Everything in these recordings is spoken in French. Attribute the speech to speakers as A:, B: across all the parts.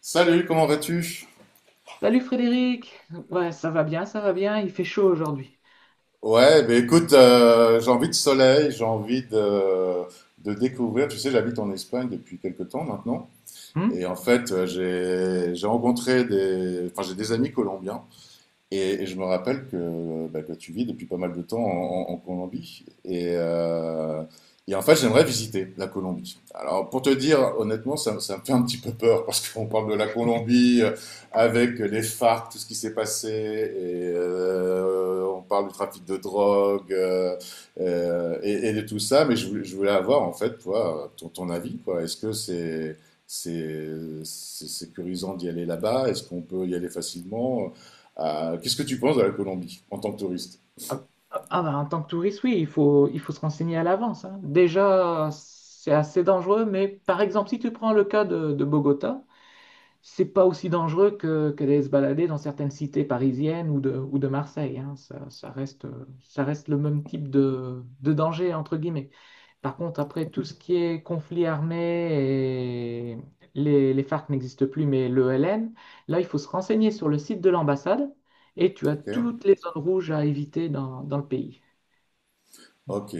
A: Salut, comment vas-tu?
B: Salut Frédéric! Ouais, ça va bien, il fait chaud aujourd'hui.
A: Ouais, ben écoute, j'ai envie de soleil, de découvrir. Tu sais, j'habite en Espagne depuis quelques temps maintenant. Et
B: Hmm.
A: en fait, j'ai rencontré j'ai des amis colombiens. Et je me rappelle que, bah, que tu vis depuis pas mal de temps en Colombie. Et en fait, j'aimerais visiter la Colombie. Alors, pour te dire, honnêtement, ça me fait un petit peu peur parce qu'on parle de la Colombie avec les FARC, tout ce qui s'est passé. Et on parle du trafic de drogue et de tout ça. Mais je voulais avoir, en fait, toi, ton avis, quoi. Est-ce que c'est... C'est c'est sécurisant d'y aller là-bas? Est-ce qu'on peut y aller facilement? Qu'est-ce que tu penses de la Colombie en tant que touriste?
B: Ah, ah, ah bah, en tant que touriste, oui, il faut se renseigner à l'avance, hein. Déjà, c'est assez dangereux, mais par exemple, si tu prends le cas de Bogota, c'est pas aussi dangereux que d'aller se balader dans certaines cités parisiennes ou de Marseille, hein. Ça, ça reste le même type de danger, entre guillemets. Par contre, après, tout ce qui est conflit armé, et les FARC n'existent plus, mais le LN, là, il faut se renseigner sur le site de l'ambassade et tu as
A: Ok,
B: toutes les zones rouges à éviter dans le pays.
A: ok.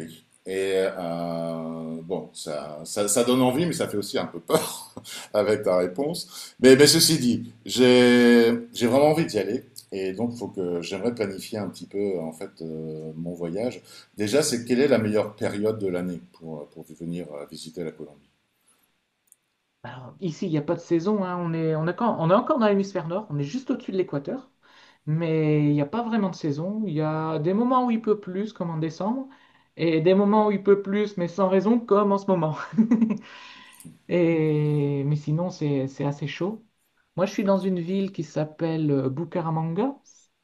A: Et bon, ça donne envie, mais ça fait aussi un peu peur avec ta réponse. Mais ceci dit, j'ai vraiment envie d'y aller. Et donc, faut que j'aimerais planifier un petit peu en fait mon voyage. Déjà, c'est quelle est la meilleure période de l'année pour venir visiter la Colombie?
B: Alors, ici, il n'y a pas de saison, hein. On est encore dans l'hémisphère nord, on est juste au-dessus de l'équateur, mais il n'y a pas vraiment de saison. Il y a des moments où il peut plus, comme en décembre, et des moments où il peut plus, mais sans raison, comme en ce moment. Mais sinon, c'est assez chaud. Moi, je suis dans une ville qui s'appelle Bucaramanga.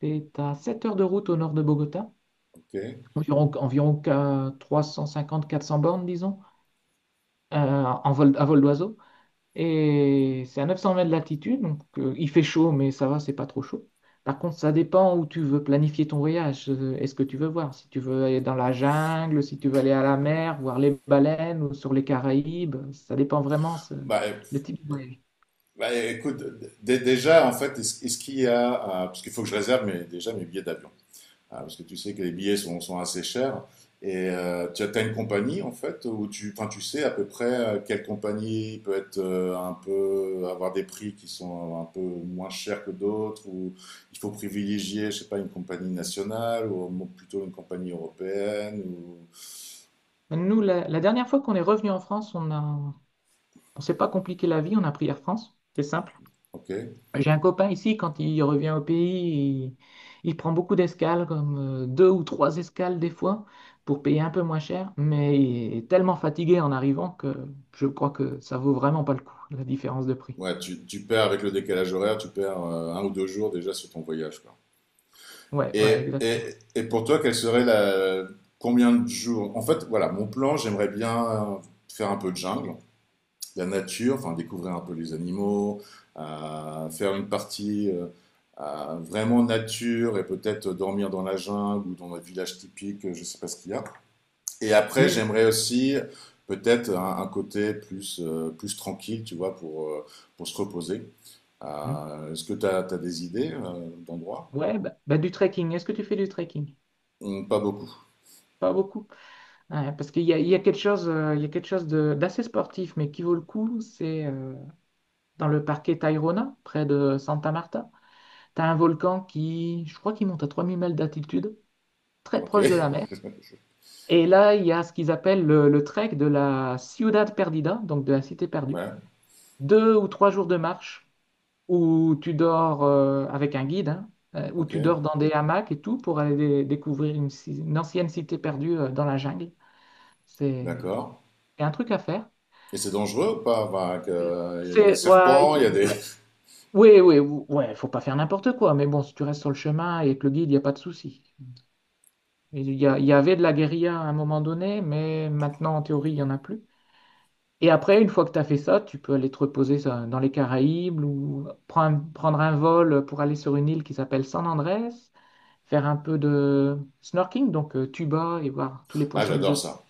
B: C'est à 7 heures de route au nord de Bogota,
A: Ok.
B: environ 350, quatre 400 bornes, disons, à vol d'oiseau. Et c'est à 900 mètres d'altitude, donc il fait chaud, mais ça va, c'est pas trop chaud. Par contre, ça dépend où tu veux planifier ton voyage. Est-ce que tu veux voir? Si tu veux aller dans la jungle, si tu veux aller à la mer, voir les baleines ou sur les Caraïbes, ça dépend vraiment
A: Bah, euh,
B: le type de voyage.
A: bah, écoute, déjà en fait, est-ce qu'il y a, parce qu'il faut que je réserve déjà mes billets d'avion. Ah, parce que tu sais que les billets sont assez chers. Et tu as t'as une compagnie en fait où tu sais à peu près quelle compagnie peut être un peu avoir des prix qui sont un peu moins chers que d'autres ou il faut privilégier, je sais pas, une compagnie nationale ou plutôt une compagnie européenne ou
B: Nous, la dernière fois qu'on est revenu en France, on s'est pas compliqué la vie, on a pris Air France. C'est simple.
A: ok.
B: J'ai un copain ici, quand il revient au pays, il prend beaucoup d'escales, comme deux ou trois escales des fois, pour payer un peu moins cher, mais il est tellement fatigué en arrivant que je crois que ça vaut vraiment pas le coup, la différence de prix.
A: Ouais, tu perds avec le décalage horaire, tu perds un ou deux jours déjà sur ton voyage, quoi.
B: Ouais, ouais,
A: Et,
B: exactement.
A: et, et pour toi, quelle serait la... Combien de jours? En fait, voilà, mon plan, j'aimerais bien faire un peu de jungle, la nature, enfin découvrir un peu les animaux, faire une partie vraiment nature et peut-être dormir dans la jungle ou dans un village typique, je sais pas ce qu'il y a. Et après,
B: Du,
A: j'aimerais aussi peut-être un côté plus, plus tranquille, tu vois, pour se reposer.
B: Hmm.
A: Est-ce que tu as, des idées d'endroits?
B: Ouais, bah, bah, du trekking. Est-ce que tu fais du trekking?
A: Pas beaucoup.
B: Pas beaucoup. Ouais, parce qu'il y a, il y a quelque chose, il y a quelque chose d'assez sportif, mais qui vaut le coup, c'est dans le parquet Tayrona, près de Santa Marta. T'as un volcan qui, je crois qu'il monte à 3000 mètres d'altitude, très
A: Ok.
B: proche de la mer. Et là, il y a ce qu'ils appellent le trek de la Ciudad Perdida, donc de la cité perdue.
A: Ouais.
B: Deux ou trois jours de marche où tu dors avec un guide, hein, où
A: Ok,
B: tu dors dans des hamacs et tout pour aller découvrir une ancienne cité perdue dans la jungle. C'est
A: d'accord.
B: c'est un truc à faire.
A: Et c'est dangereux ou pas? Enfin, avec, il y a des
B: Ouais,
A: serpents, il y a des...
B: oui, oui, ouais, faut pas faire n'importe quoi, mais bon, si tu restes sur le chemin et que le guide, il n'y a pas de souci. Il y avait de la guérilla à un moment donné, mais maintenant, en théorie, il n'y en a plus. Et après, une fois que tu as fait ça, tu peux aller te reposer ça, dans les Caraïbes ou prendre un vol pour aller sur une île qui s'appelle San Andrés, faire un peu de snorkeling, donc tuba et voir tous les
A: Ah,
B: poissons
A: j'adore
B: exotiques.
A: ça.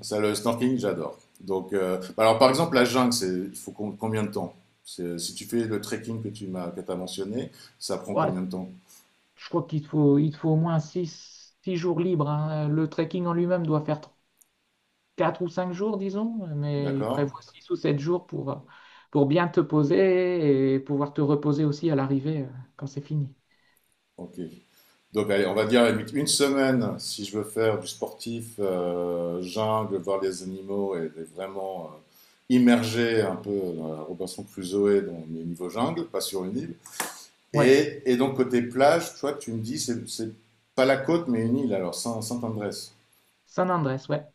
A: Ça, le snorkeling, j'adore. Donc, bah alors, par exemple, la jungle, c'est, il faut combien de temps? C'est- Si tu fais le trekking que t'as mentionné, ça prend
B: Ouais,
A: combien de temps?
B: je crois qu'il te faut au moins 6 jours libres, hein. Le trekking en lui-même doit faire 4 ou 5 jours, disons, mais il
A: D'accord?
B: prévoit 6 ou 7 jours pour bien te poser et pouvoir te reposer aussi à l'arrivée quand c'est fini.
A: Ok. Donc, allez, on va dire à la limite une semaine si je veux faire du sportif, jungle, voir les animaux et vraiment immerger un peu dans la Robinson Crusoe dans les niveaux jungle, pas sur une île.
B: Ouais,
A: Et donc, côté plage, toi, tu me dis, c'est pas la côte, mais une île, alors, Saint-Andrés.
B: San Andrés, ouais.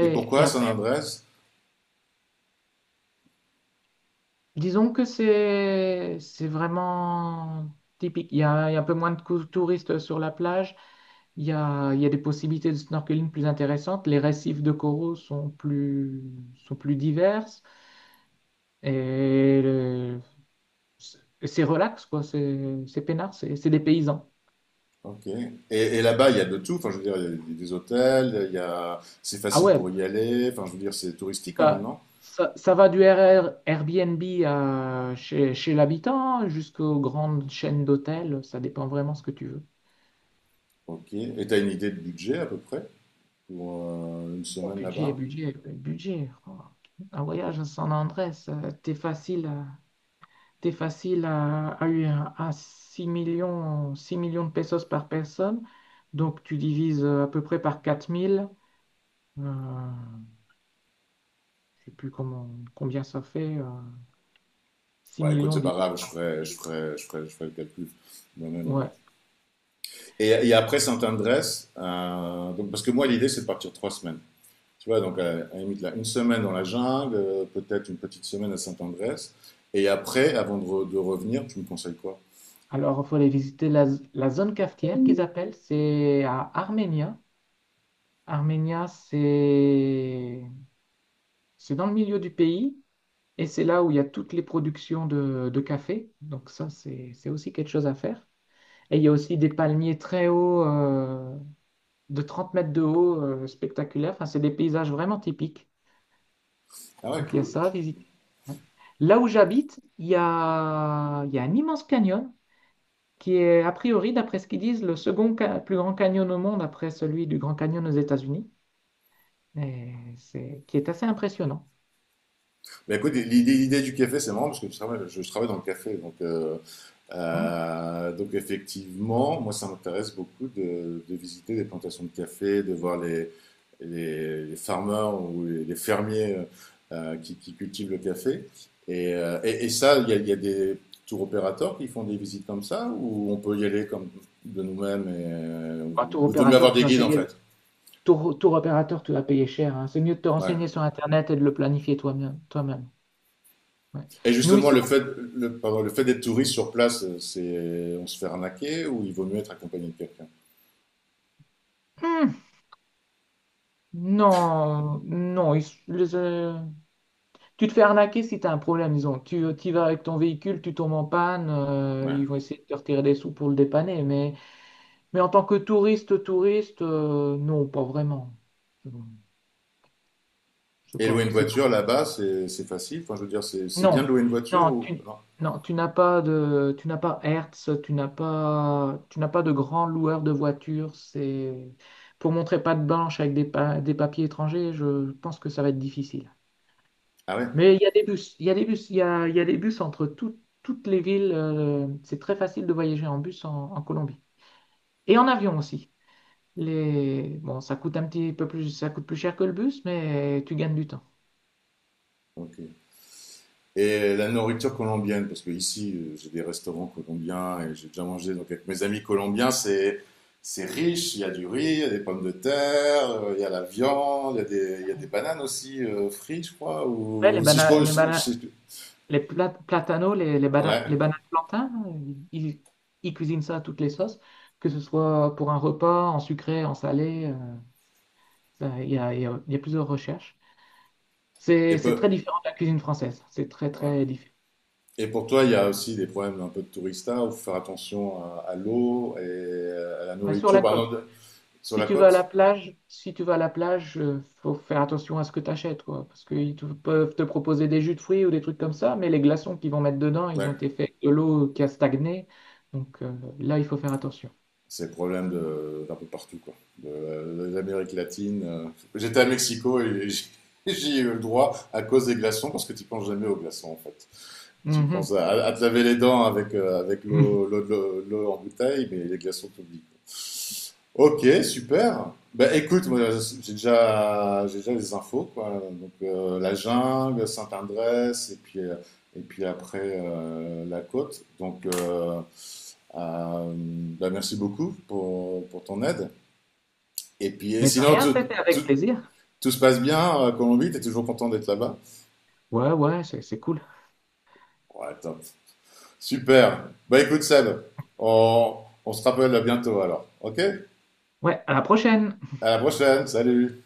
A: Et
B: et
A: pourquoi
B: après,
A: Saint-Andrés?
B: disons que c'est vraiment typique. Il y a un peu moins de touristes sur la plage. Il y a des possibilités de snorkeling plus intéressantes. Les récifs de coraux sont plus diverses. Et le- c'est c'est relax, quoi. C'est peinard, c'est des paysans.
A: Ok. Et là-bas, il y a de tout. Enfin, je veux dire, il y a des- hôtels, il y a... c'est
B: Ah
A: facile
B: ouais,
A: pour y aller. Enfin, je veux dire, c'est touristique quand même,
B: bah,
A: non?
B: ça va du RR Airbnb à chez l'habitant jusqu'aux grandes chaînes d'hôtels, ça dépend vraiment ce que tu veux.
A: Ok. Et t'as une idée de budget à peu près pour une
B: Oh,
A: semaine
B: budget,
A: là-bas?
B: budget, budget. Oh, un voyage à San Andrés, t'es facile à 6 millions, 6 millions de pesos par personne. Donc tu divises à peu près par 4 000. Euh, je sais plus comment, combien ça fait. 6
A: Bah, écoute,
B: millions
A: c'est pas
B: divisé
A: grave,
B: par quatre mille.
A: je ferai le calcul moi-même, quoi.
B: Ouais.
A: Et après Saint-Andrés, donc, parce que moi, l'idée, c'est de partir trois semaines. Tu vois, donc à la limite, là, une semaine dans la jungle, peut-être une petite semaine à Saint-Andrés. Et après, de revenir, tu me conseilles quoi?
B: Alors, il faut aller visiter la zone cafetière qu'ils appellent, c'est à Arménia. Arménia, c'est dans le milieu du pays et c'est là où il y a toutes les productions de café. Donc ça, c'est aussi quelque chose à faire. Et il y a aussi des palmiers très hauts, de 30 mètres de haut, spectaculaires. Enfin, c'est des paysages vraiment typiques.
A: Ah ouais,
B: Donc il y a
A: cool.
B: ça à visiter. Ouais. Là où j'habite, il y a un immense canyon qui est a priori, d'après ce qu'ils disent, le second plus grand canyon au monde après celui du Grand Canyon aux États-Unis, et qui est assez impressionnant.
A: Bah écoute, l'idée du café, c'est marrant parce que je travaille dans le café.
B: Hmm.
A: Donc effectivement, moi ça m'intéresse beaucoup de visiter des plantations de café, de voir les farmers ou les fermiers qui cultivent le café. Et, et ça, il y a des tour opérateurs qui font des visites comme ça, ou on peut y aller comme de nous-mêmes et
B: Bah, tour
A: il vaut mieux
B: opérateur,
A: avoir
B: tu
A: des
B: vas
A: guides en
B: payer,
A: fait.
B: tour, tour opérateur, tu vas payer cher, hein. C'est mieux de te
A: Ouais.
B: renseigner sur Internet et de le planifier toi-même. Toi-même. Ouais.
A: Et
B: Nous
A: justement,
B: ici,
A: pardon, le fait d'être touriste sur place, c'est on se fait arnaquer ou il vaut mieux être accompagné de quelqu'un.
B: hmm, non, non. Tu te fais arnaquer si tu as un problème, disons. Tu y vas avec ton véhicule, tu tombes en panne, ils
A: Ouais.
B: vont essayer de te retirer des sous pour le dépanner, mais en tant que touriste, non, pas vraiment. Je sais
A: Et louer
B: pas,
A: une
B: c'est
A: voiture
B: pas.
A: là-bas, c'est facile. Enfin, je veux dire, c'est bien de
B: Non,
A: louer une voiture
B: non,
A: ou
B: tu,
A: non?
B: non, tu n'as pas Hertz, tu n'as pas de grand loueur de voitures. C'est pour montrer patte blanche avec des papiers étrangers. Je pense que ça va être difficile.
A: Ah ouais?
B: Mais il y a des bus, il y a des bus, il y a des bus entre toutes les villes. C'est très facile de voyager en bus en Colombie et en avion aussi. Bon, ça coûte plus cher que le bus, mais tu gagnes du temps.
A: Ok. Et la nourriture colombienne, parce que ici, j'ai des restaurants colombiens et j'ai déjà mangé donc avec mes amis colombiens, c'est riche. Il y a du riz, il y a des pommes de terre, il y a la viande, il y a des bananes aussi frites, je crois.
B: Ouais, les
A: Ou si je,
B: bana-
A: crois,
B: les bana-
A: je-
B: les pla- platanos, les, les, bana-
A: ouais.
B: les bananes plantains, ils cuisinent ça à toutes les sauces, que ce soit pour un repas, en sucré, en salé. Il y a, il y a plusieurs recherches.
A: Et
B: C'est très
A: peu.
B: différent de la cuisine française. C'est très,
A: Ouais.
B: très différent.
A: Et pour toi, il y a aussi des problèmes un peu de tourista, où faut faire attention à l'eau et à la
B: Ouais, sur
A: nourriture.
B: la
A: Par
B: côte.
A: exemple, sur
B: Si
A: la
B: tu vas à la
A: côte.
B: plage, si tu vas à la plage, faut faire attention à ce que tu achètes, quoi, parce qu'ils peuvent te proposer des jus de fruits ou des trucs comme ça, mais les glaçons qu'ils vont mettre dedans, ils ont
A: Ouais.
B: été faits avec de l'eau qui a stagné, donc là, il faut faire attention.
A: C'est problème d'un peu partout, quoi. De l'Amérique latine. J'étais à Mexico et j'y ai eu le droit à cause des glaçons, parce que tu penses jamais aux glaçons, en fait. Tu penses
B: Mhm.
A: à te laver les dents avec, avec l'eau en bouteille, mais les glaçons t'oublient. Ok, super. Bah, écoute, moi, j'ai déjà les infos, quoi. Donc, la jungle, Saint-Andrés, et puis après, la côte. Donc, euh, bah, merci beaucoup pour ton aide. Et puis, et
B: Mais de
A: sinon,
B: rien, c'était avec plaisir.
A: tout se passe bien à Colombie, t'es toujours content d'être là-bas?
B: Ouais, ouais, c'est cool.
A: Ouais, top. Super. Bah écoute Seb, on, on se rappelle bientôt alors. Ok?
B: Ouais, à la prochaine!
A: À la prochaine. Salut.